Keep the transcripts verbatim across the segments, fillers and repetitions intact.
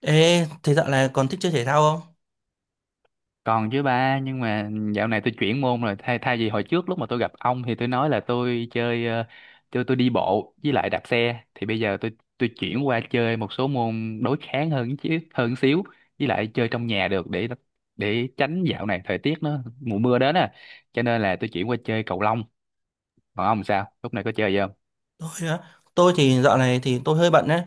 Ê, thế dạo này còn thích chơi thể thao không? Còn chứ ba, nhưng mà dạo này tôi chuyển môn rồi. Thay thay vì hồi trước lúc mà tôi gặp ông thì tôi nói là tôi chơi ờ, tôi tôi đi bộ với lại đạp xe, thì bây giờ tôi tôi chuyển qua chơi một số môn đối kháng hơn chứ, hơn xíu, với lại chơi trong nhà được, để để tránh dạo này thời tiết nó mùa mưa đến à. Cho nên là tôi chuyển qua chơi cầu lông. Còn ông sao? Lúc này có chơi gì không? Tôi á, tôi thì dạo này thì tôi hơi bận đấy,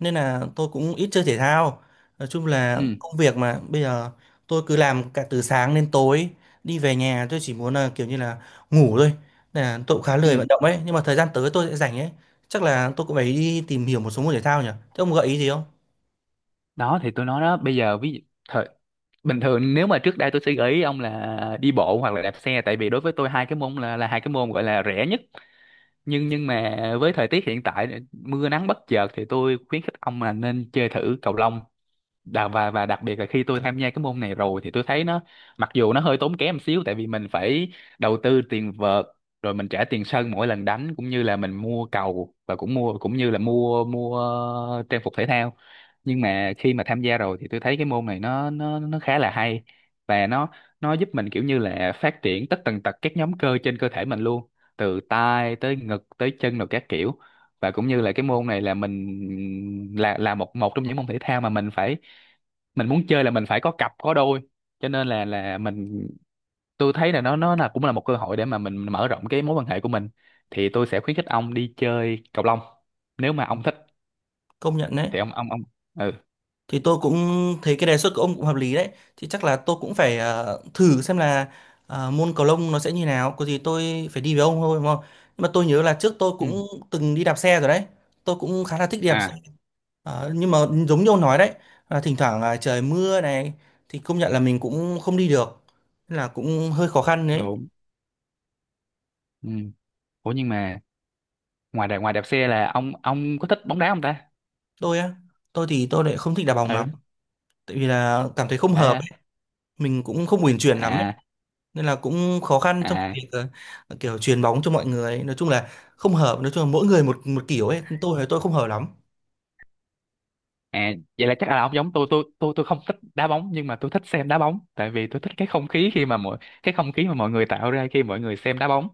nên là tôi cũng ít chơi thể thao. Nói chung là Ừ. công việc mà bây giờ tôi cứ làm cả từ sáng đến tối, đi về nhà tôi chỉ muốn là kiểu như là ngủ thôi. Nên là tôi cũng khá lười Ừ. vận động ấy, nhưng mà thời gian tới tôi sẽ rảnh ấy. Chắc là tôi cũng phải đi tìm hiểu một số môn thể thao nhỉ? Thế ông gợi ý gì không? Đó thì tôi nói đó, bây giờ ví dụ thời bình thường, nếu mà trước đây tôi sẽ gợi ý ông là đi bộ hoặc là đạp xe, tại vì đối với tôi hai cái môn là là hai cái môn gọi là rẻ nhất. Nhưng nhưng mà với thời tiết hiện tại mưa nắng bất chợt thì tôi khuyến khích ông là nên chơi thử cầu lông. Đà- và và đặc biệt là khi tôi tham gia cái môn này rồi thì tôi thấy nó, mặc dù nó hơi tốn kém một xíu tại vì mình phải đầu tư tiền vợt, rồi mình trả tiền sân mỗi lần đánh, cũng như là mình mua cầu, và cũng mua cũng như là mua mua trang phục thể thao. Nhưng mà khi mà tham gia rồi thì tôi thấy cái môn này nó nó nó khá là hay, và nó nó giúp mình kiểu như là phát triển tất tần tật các nhóm cơ trên cơ thể mình luôn, từ tay tới ngực tới chân rồi các kiểu. Và cũng như là cái môn này là mình là là một một trong những môn thể thao mà mình phải mình muốn chơi là mình phải có cặp có đôi, cho nên là là mình tôi thấy là nó nó là cũng là một cơ hội để mà mình mở rộng cái mối quan hệ của mình. Thì tôi sẽ khuyến khích ông đi chơi cầu lông, nếu mà ông thích Công nhận đấy. thì ông ông ông Ừ, Thì tôi cũng thấy cái đề xuất của ông cũng hợp lý đấy, thì chắc là tôi cũng phải ờ, thử xem là ờ, môn cầu lông nó sẽ như nào. Có gì tôi phải đi với ông thôi, đúng không? Nhưng mà tôi nhớ là trước tôi ừ. cũng từng đi đạp xe rồi đấy, tôi cũng khá là thích đi đạp xe. À, Ờ, nhưng mà giống như ông nói đấy, là thỉnh thoảng là trời mưa này, thì công nhận là mình cũng không đi được. Nên là cũng hơi khó khăn đấy. đúng. Ừ. Ủa nhưng mà ngoài đạp ngoài đạp xe là ông ông có thích bóng đá không ta? Tôi á, tôi thì tôi lại không thích đá bóng Ừ. lắm, tại vì là cảm thấy không Đấy hợp à. ấy. Mình cũng không uyển chuyển lắm ấy. À, Nên là cũng khó khăn trong à, việc ờ, ờ, kiểu truyền bóng cho mọi người ấy. Nói chung là không hợp, nói chung là mỗi người một một kiểu ấy, tôi thì tôi không hợp lắm. à, vậy là chắc là ông giống tôi tôi tôi tôi không thích đá bóng, nhưng mà tôi thích xem đá bóng, tại vì tôi thích cái không khí khi mà mọi cái không khí mà mọi người tạo ra khi mọi người xem đá bóng.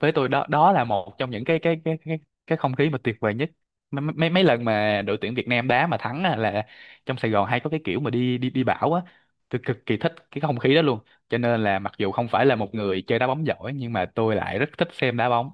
Với tôi đó đó là một trong những cái cái cái cái cái không khí mà tuyệt vời nhất. Mấy mấy mấy lần mà đội tuyển Việt Nam đá mà thắng á, là trong Sài Gòn hay có cái kiểu mà đi đi đi bão á, tôi cực kỳ thích cái không khí đó luôn. Cho nên là mặc dù không phải là một người chơi đá bóng giỏi, nhưng mà tôi lại rất thích xem đá bóng.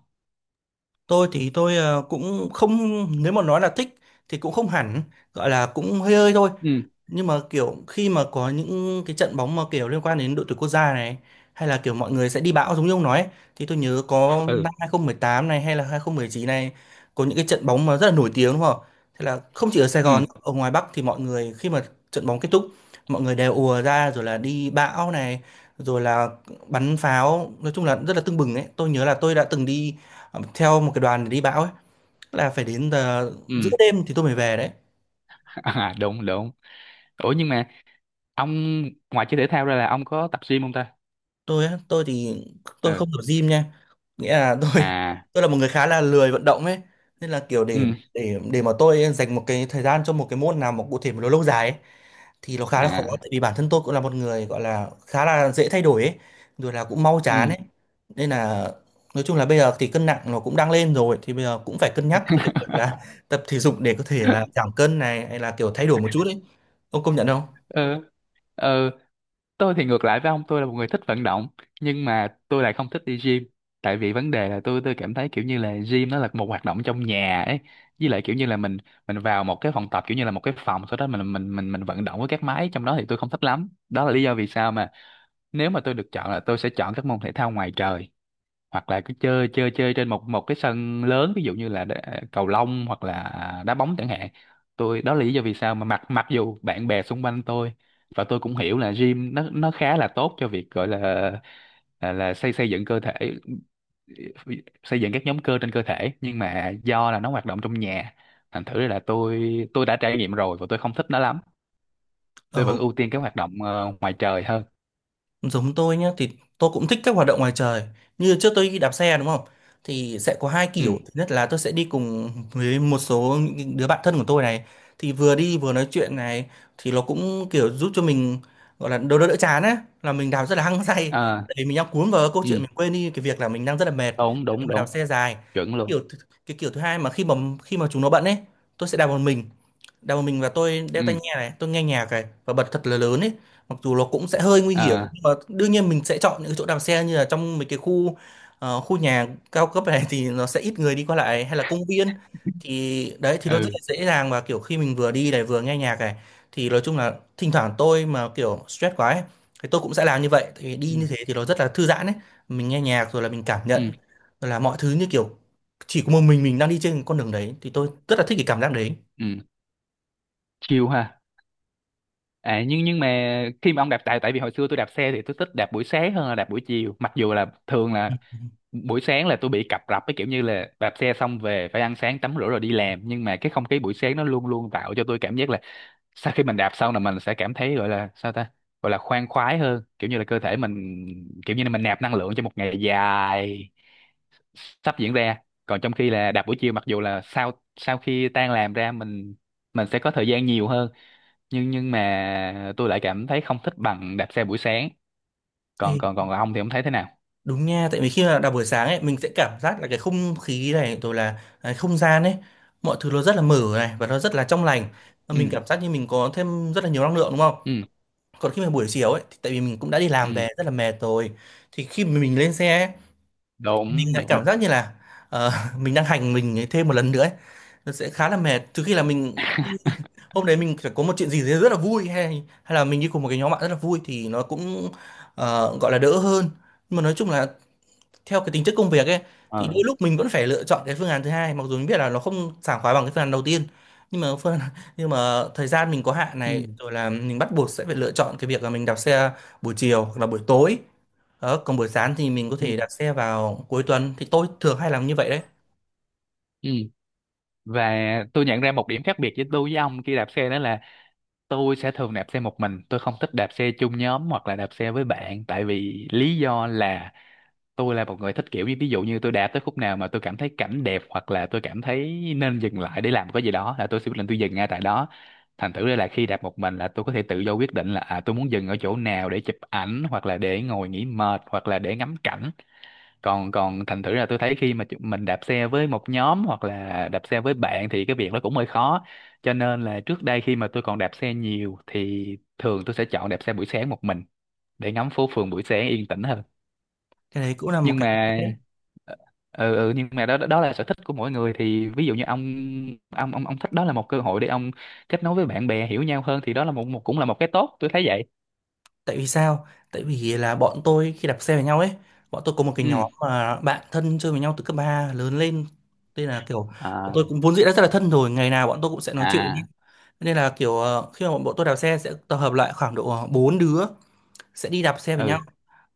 Tôi thì tôi ờ, cũng không, nếu mà nói là thích thì cũng không hẳn, gọi là cũng hơi hơi thôi. Ừ. Nhưng mà kiểu khi mà có những cái trận bóng mà kiểu liên quan đến đội tuyển quốc gia này, hay là kiểu mọi người sẽ đi bão giống như ông nói ấy, thì tôi nhớ có Ừ. năm hai không một tám này hay là hai không một chín này, có những cái trận bóng mà rất là nổi tiếng đúng không? Thế là không chỉ ở Sài Ừ. Gòn, ở ngoài Bắc thì mọi người khi mà trận bóng kết thúc, mọi người đều ùa ra rồi là đi bão này, rồi là bắn pháo, nói chung là rất là tưng bừng ấy. Tôi nhớ là tôi đã từng đi ờ, theo một cái đoàn để đi bão ấy, là phải đến giờ giữa Ừ. đêm thì tôi mới về đấy. À, đúng, đúng. Ủa nhưng mà ông, ngoài chơi thể thao ra là ông có tập gym không ta? Tôi á, tôi thì tôi Ừ. không tập gym nha, nghĩa là tôi À. tôi là một người khá là lười vận động ấy, nên là kiểu để Ừ. để để mà tôi dành một cái thời gian cho một cái môn nào mà cụ thể mà nó lâu dài ấy, thì nó khá là khó, À. tại vì bản thân tôi cũng là một người gọi là khá là dễ thay đổi ấy, rồi là cũng mau chán Ừ. ấy. Nên là nói chung là bây giờ thì cân nặng nó cũng đang lên rồi, thì bây giờ cũng phải cân nhắc cho cái việc là tập thể dục để có thể là giảm cân này, hay là kiểu thay đổi một chút ấy. Ông công nhận Ừ. Ừ. Tôi thì ngược lại với ông, tôi là một người thích vận động, nhưng mà tôi lại không thích đi gym. Tại vì vấn đề là tôi tôi cảm thấy kiểu như là gym nó là một hoạt động trong nhà ấy. Với lại kiểu như là mình mình vào một cái phòng tập, kiểu như là một cái phòng, sau đó mình mình mình mình vận động với các máy trong đó thì tôi không thích lắm. Đó là lý do vì sao mà nếu mà tôi được chọn là tôi sẽ chọn các môn thể thao ngoài trời, hoặc là cứ chơi chơi chơi trên một một cái sân lớn, ví dụ như là đá- à, cầu lông hoặc là đá bóng chẳng hạn. Tôi, đó là lý do vì sao mà mặc mặc dù bạn bè xung quanh tôi, và tôi cũng hiểu là gym nó nó khá là tốt cho việc gọi là là, là xây xây dựng cơ thể, xây dựng các nhóm cơ trên cơ thể, nhưng mà do là nó hoạt động trong nhà, thành thử là tôi tôi đã trải nghiệm rồi và tôi không thích nó lắm. Tôi không? vẫn ưu tiên cái hoạt động ờ, ngoài trời hơn. Giống tôi nhé, thì tôi cũng thích các hoạt động ngoài trời, như trước tôi đi đạp xe đúng không, thì sẽ có hai Ừ. kiểu. Thứ nhất là tôi sẽ đi cùng với một số những đứa bạn thân của tôi này, thì vừa đi vừa nói chuyện này, thì nó cũng kiểu giúp cho mình, gọi là đỡ đỡ đỡ chán á, là mình đạp rất là hăng say, À, để mình đang cuốn vào câu ừ. chuyện, mình quên đi cái việc là mình đang rất là mệt Đúng, khi đúng, mà đạp đúng. xe dài. Cái Chuẩn luôn. kiểu th- cái kiểu thứ hai mà khi mà khi mà chúng nó bận ấy, tôi sẽ đạp một mình, đeo một mình, và tôi đeo tai Ừ. nghe này, tôi nghe nhạc này và bật thật là lớn ấy. Mặc dù nó cũng sẽ hơi nguy hiểm, À. nhưng mà đương nhiên mình sẽ chọn những cái chỗ đạp xe như là trong mấy cái khu ờ, khu nhà cao cấp này, thì nó sẽ ít người đi qua lại, hay là công viên. Thì đấy, thì nó rất là Ừ. dễ dàng. Và kiểu khi mình vừa đi này vừa nghe nhạc này, thì nói chung là thỉnh thoảng tôi mà kiểu stress quá ấy, thì tôi cũng sẽ làm như vậy, tại vì đi Ừ. như thế thì nó rất là thư giãn ấy. Mình nghe nhạc, rồi là mình cảm nhận, Ừ. rồi là mọi thứ như kiểu chỉ có một mình mình đang đi trên con đường đấy, thì tôi rất là thích cái cảm giác đấy. Ừ. Chiều ha. À, nhưng nhưng mà khi mà ông đạp tại tại vì hồi xưa tôi đạp xe thì tôi thích đạp buổi sáng hơn là đạp buổi chiều, mặc dù là thường là buổi sáng là tôi bị cập rập, cái kiểu như là đạp xe xong về phải ăn sáng tắm rửa rồi đi làm, nhưng mà cái không khí buổi sáng nó luôn luôn tạo cho tôi cảm giác là sau khi mình đạp xong là mình sẽ cảm thấy gọi là sao ta, gọi là khoan khoái hơn, kiểu như là cơ thể mình kiểu như là mình nạp năng lượng cho một ngày dài sắp diễn ra. Còn trong khi là đạp buổi chiều, mặc dù là sau sau khi tan làm ra mình mình sẽ có thời gian nhiều hơn, nhưng nhưng mà tôi lại cảm thấy không thích bằng đạp xe buổi sáng. Ê, Còn còn còn ông thì ông thấy thế nào? đúng nha, tại vì khi mà đọc buổi sáng ấy, mình sẽ cảm giác là cái không khí này, rồi là cái không gian ấy, mọi thứ nó rất là mở này và nó rất là trong lành. Và Ừ. mình cảm giác như mình có thêm rất là nhiều năng lượng đúng không? Ừ. Còn khi mà buổi chiều ấy, thì tại vì mình cũng đã đi Ừ. làm về rất là mệt rồi. Thì khi mà mình lên xe ấy, thì mình Đúng, lại đúng. cảm giác như là ờ, mình đang hành mình thêm một lần nữa ấy. Nó sẽ khá là mệt. Trừ khi là mình hôm đấy mình phải có một chuyện gì đấy rất là vui, hay hay là mình đi cùng một cái nhóm bạn rất là vui, thì nó cũng ờ, gọi là đỡ hơn. Nhưng mà nói chung là theo cái tính chất công việc ấy, thì Ờ. đôi lúc mình vẫn phải lựa chọn cái phương án thứ hai, mặc dù mình biết là nó không sảng khoái bằng cái phương án đầu tiên. Nhưng mà phương nhưng mà thời gian mình có hạn Ừ. này, rồi là mình bắt buộc sẽ phải lựa chọn cái việc là mình đạp xe buổi chiều hoặc là buổi tối. Đó, còn buổi sáng thì mình có Ừ. thể đạp xe vào cuối tuần, thì tôi thường hay làm như vậy đấy. Ừ. Và tôi nhận ra một điểm khác biệt với tôi với ông khi đạp xe, đó là tôi sẽ thường đạp xe một mình, tôi không thích đạp xe chung nhóm hoặc là đạp xe với bạn, tại vì lý do là tôi là một người thích kiểu như ví dụ như tôi đạp tới khúc nào mà tôi cảm thấy cảnh đẹp hoặc là tôi cảm thấy nên dừng lại để làm cái gì đó là tôi sẽ quyết định tôi dừng ngay tại đó. Thành thử ra là khi đạp một mình là tôi có thể tự do quyết định là à, tôi muốn dừng ở chỗ nào để chụp ảnh hoặc là để ngồi nghỉ mệt hoặc là để ngắm cảnh. Còn còn thành thử là tôi thấy khi mà chúng- mình đạp xe với một nhóm hoặc là đạp xe với bạn thì cái việc đó cũng hơi khó. Cho nên là trước đây khi mà tôi còn đạp xe nhiều thì thường tôi sẽ chọn đạp xe buổi sáng một mình, để ngắm phố phường buổi sáng yên tĩnh hơn. Cái đấy cũng là một Nhưng cái, mà ờ, ừ, ừ Nhưng mà đó đó là sở thích của mỗi người. Thì ví dụ như ông ông ông ông thích đó là một cơ hội để ông kết nối với bạn bè, hiểu nhau hơn, thì đó là một, một cũng là một cái tốt, tôi thấy vậy. tại vì sao, tại vì là bọn tôi khi đạp xe với nhau ấy, bọn tôi có một cái nhóm Ừ. mà bạn thân chơi với nhau từ cấp ba lớn lên, nên là kiểu bọn tôi À, cũng vốn dĩ đã rất là thân rồi, ngày nào bọn tôi cũng sẽ nói chuyện. à. Nên là kiểu ờ, khi mà bọn tôi đạp xe sẽ tập hợp lại khoảng độ ờ, bốn đứa, sẽ đi đạp xe với Ừ. nhau.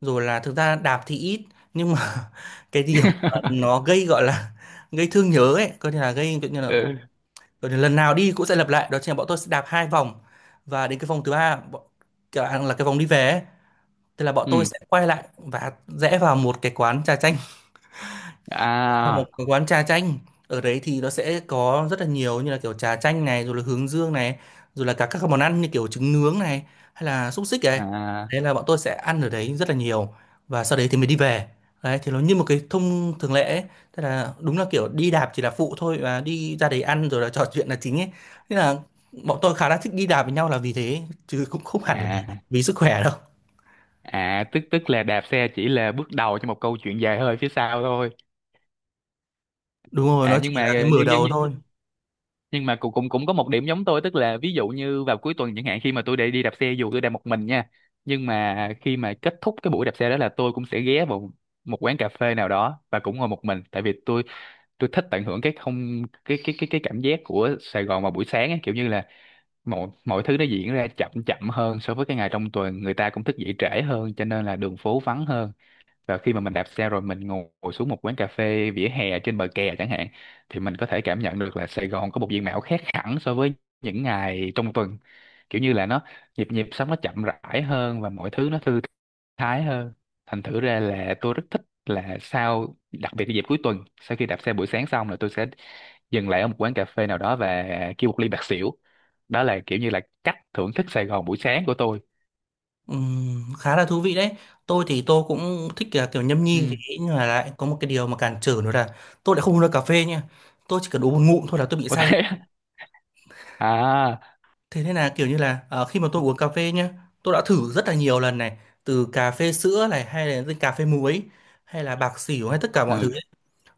Rồi là thực ra đạp thì ít, nhưng mà cái điểm nó gây, gọi là gây thương nhớ ấy, coi như là gây kiểu như là, Ừ. coi như lần nào đi cũng sẽ lặp lại, đó chính là bọn tôi sẽ đạp hai vòng, và đến cái vòng thứ ba bọn, kiểu là cái vòng đi về ấy, thì là bọn tôi Ừ. sẽ quay lại và rẽ vào một cái quán trà chanh, vào một À. cái quán trà chanh. Ở đấy thì nó sẽ có rất là nhiều, như là kiểu trà chanh này, rồi là hướng dương này, rồi là cả các món ăn như kiểu trứng nướng này, hay là xúc xích này, À. đấy là bọn tôi sẽ ăn ở đấy rất là nhiều, và sau đấy thì mới đi về. Đấy thì nó như một cái thông thường lệ ấy. Tức là đúng là kiểu đi đạp chỉ là phụ thôi, và đi ra đấy ăn rồi là trò chuyện là chính ấy. Thế là bọn tôi khá là thích đi đạp với nhau là vì thế, chứ cũng không hẳn là À. vì sức khỏe đâu. À, tức tức là đạp xe chỉ là bước đầu cho một câu chuyện dài hơi phía sau thôi. Đúng rồi, À nó chỉ nhưng mà, là cái mở nhưng nhưng đầu nhưng thôi. nhưng mà cũng cũng cũng có một điểm giống tôi, tức là ví dụ như vào cuối tuần chẳng hạn, khi mà tôi đi đi đạp xe, dù tôi đạp một mình nha, nhưng mà khi mà kết thúc cái buổi đạp xe đó là tôi cũng sẽ ghé vào một quán cà phê nào đó và cũng ngồi một mình, tại vì tôi tôi thích tận hưởng cái không cái cái cái cái cảm giác của Sài Gòn vào buổi sáng ấy, kiểu như là mọi mọi thứ nó diễn ra chậm chậm hơn so với cái ngày trong tuần, người ta cũng thức dậy trễ hơn cho nên là đường phố vắng hơn. Và khi mà mình đạp xe rồi mình ngồi xuống một quán cà phê vỉa hè trên bờ kè chẳng hạn, thì mình có thể cảm nhận được là Sài Gòn có một diện mạo khác hẳn so với những ngày trong tuần, kiểu như là nó, nhịp nhịp sống nó chậm rãi hơn và mọi thứ nó thư thái hơn. Thành thử ra là tôi rất thích là sau, đặc biệt là dịp cuối tuần, sau khi đạp xe buổi sáng xong là tôi sẽ dừng lại ở một quán cà phê nào đó và kêu một ly bạc xỉu. Đó là kiểu như là cách thưởng thức Sài Gòn buổi sáng của tôi. Ừm, khá là thú vị đấy. Tôi thì tôi cũng thích là kiểu nhâm nhi thì, Ừ. nhưng mà lại có một cái điều mà cản trở nữa là tôi lại không uống được cà phê nha. Tôi chỉ cần uống một ngụm thôi là tôi bị Có say. thế. À. Thế nên là kiểu như là ờ, khi mà tôi uống cà phê nhá, tôi đã thử rất là nhiều lần này, từ cà phê sữa này hay là cà phê muối hay là bạc xỉu hay tất cả mọi thứ. Ừ.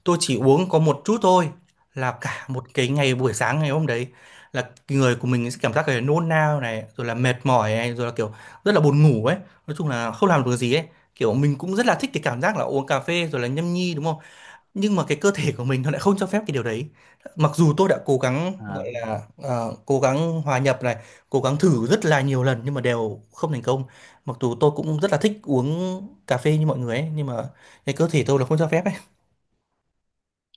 Tôi chỉ uống có một chút thôi là cả một cái ngày buổi sáng ngày hôm đấy là người của mình sẽ cảm giác cái nôn nao này rồi là mệt mỏi này rồi là kiểu rất là buồn ngủ ấy, nói chung là không làm được gì ấy. Kiểu mình cũng rất là thích cái cảm giác là uống cà phê rồi là nhâm nhi đúng không, nhưng mà cái cơ thể của mình nó lại không cho phép cái điều đấy. Mặc dù tôi đã cố gắng gọi À. là ờ, cố gắng hòa nhập này, cố gắng thử rất là nhiều lần nhưng mà đều không thành công. Mặc dù tôi cũng rất là thích uống cà phê như mọi người ấy, nhưng mà cái cơ thể tôi là không cho phép ấy.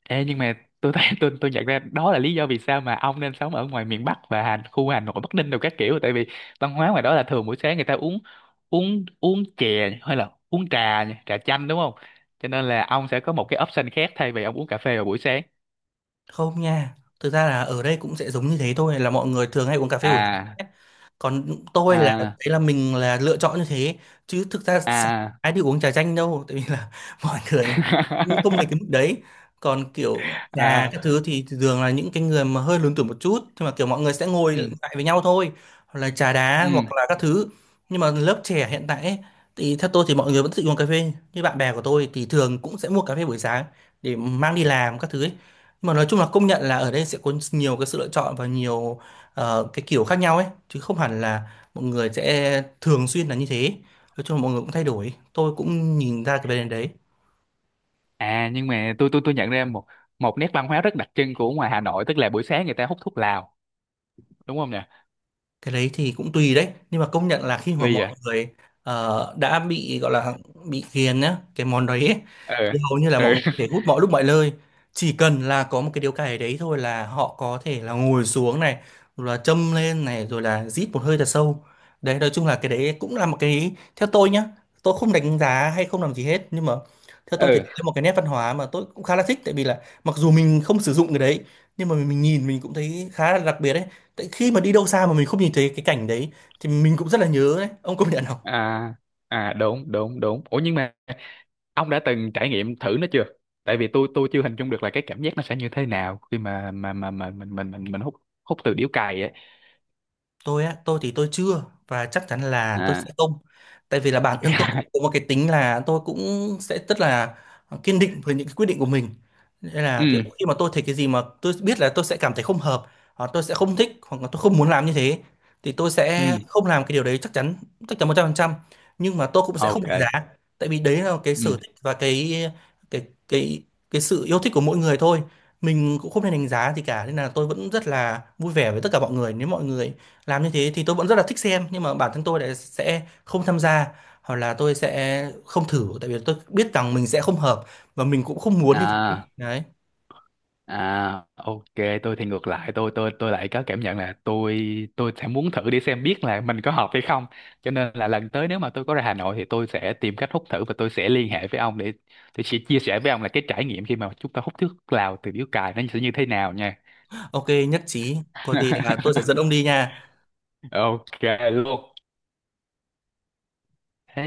Ê, nhưng mà tôi thấy, tôi tôi nhận ra đó là lý do vì sao mà ông nên sống ở ngoài miền Bắc, và Hà, khu Hà Nội, Bắc Ninh đồ các kiểu, tại vì văn hóa ngoài đó là thường buổi sáng người ta uống, uống uống chè hay là uống trà nhỉ, trà chanh, đúng không? Cho nên là ông sẽ có một cái option khác thay vì ông uống cà phê vào buổi sáng. Không nha, thực ra là ở đây cũng sẽ giống như thế thôi, là mọi người thường hay uống cà phê buổi À. sáng ấy. Còn tôi là đấy À. là mình là lựa chọn như thế, chứ thực ra sáng À. ai đi uống trà chanh đâu, tại vì là mọi người cũng không đến cái mức đấy. Còn kiểu trà các À. thứ thì thường là những cái người mà hơi lớn tuổi một chút, nhưng mà kiểu mọi người sẽ ngồi Ừ. lại với nhau thôi, hoặc là trà đá hoặc Ừ. là các thứ. Nhưng mà lớp trẻ hiện tại ấy, thì theo tôi thì mọi người vẫn thích uống cà phê, như bạn bè của tôi thì thường cũng sẽ mua cà phê buổi sáng để mang đi làm các thứ ấy. Nhưng mà nói chung là công nhận là ở đây sẽ có nhiều cái sự lựa chọn và nhiều ờ, cái kiểu khác nhau ấy, chứ không hẳn là mọi người sẽ thường xuyên là như thế. Nói chung là mọi người cũng thay đổi, tôi cũng nhìn ra cái vấn đề đấy. À nhưng mà tôi tôi tôi nhận ra một, một nét văn hóa rất đặc trưng của ngoài Hà Nội, tức là buổi sáng người ta hút thuốc lào, đúng không nhỉ? Cái đấy thì cũng tùy đấy, nhưng mà công nhận là khi mà Tuy vậy. mọi người ờ, đã bị gọi là bị ghiền nhá cái món đấy ấy, Ừ. thì hầu như là mọi Ừ. người có thể hút mọi lúc mọi nơi. Chỉ cần là có một cái điếu cày đấy thôi là họ có thể là ngồi xuống này rồi là châm lên này rồi là rít một hơi thật sâu. Đấy, nói chung là cái đấy cũng là một cái, theo tôi nhá, tôi không đánh giá hay không làm gì hết, nhưng mà theo tôi thì Ừ. đấy là một cái nét văn hóa mà tôi cũng khá là thích, tại vì là mặc dù mình không sử dụng cái đấy, nhưng mà mình nhìn mình cũng thấy khá là đặc biệt đấy. Tại khi mà đi đâu xa mà mình không nhìn thấy cái cảnh đấy thì mình cũng rất là nhớ đấy, ông công nhận. À. À, đúng, đúng, đúng. Ủa nhưng mà ông đã từng trải nghiệm thử nó chưa? Tại vì tôi tôi chưa hình dung được là cái cảm giác nó sẽ như thế nào khi mà mà mà, mà, mình mình mình mình hút, hút từ điếu cày ấy. Tôi á, tôi thì tôi chưa, và chắc chắn là Ừ, tôi sẽ À. không, tại vì là bản thân tôi cũng có một cái tính là tôi cũng sẽ rất là kiên định với những cái quyết định của mình. Nên là kiểu Ừ. khi mà tôi thấy cái gì mà tôi biết là tôi sẽ cảm thấy không hợp, hoặc tôi sẽ không thích, hoặc là tôi không muốn làm như thế, thì tôi Ừ. sẽ không làm cái điều đấy, chắc chắn, chắc chắn một trăm phần trăm. Nhưng mà tôi cũng sẽ không OK. đánh giá, tại vì đấy là cái sở Ừ. thích và cái cái cái cái sự yêu thích của mỗi người thôi. Mình cũng không nên đánh giá gì cả, nên là tôi vẫn rất là vui vẻ với tất cả mọi người. Nếu mọi người làm như thế thì tôi vẫn rất là thích xem, nhưng mà bản thân tôi lại sẽ không tham gia, hoặc là tôi sẽ không thử, tại vì tôi biết rằng mình sẽ không hợp và mình cũng không muốn như thế À. đấy. À, ok, tôi thì ngược lại, tôi tôi tôi lại có cảm nhận là tôi tôi sẽ muốn thử đi xem biết là mình có hợp hay không. Cho nên là lần tới nếu mà tôi có ra Hà Nội thì tôi sẽ tìm cách hút thử, và tôi sẽ liên hệ với ông để tôi sẽ chia sẻ với ông là cái trải nghiệm khi mà chúng ta hút thuốc lào từ điếu cày nó sẽ như thế nào nha. Ok, nhất trí, có gì là tôi sẽ dẫn ông đi nha. Ok luôn.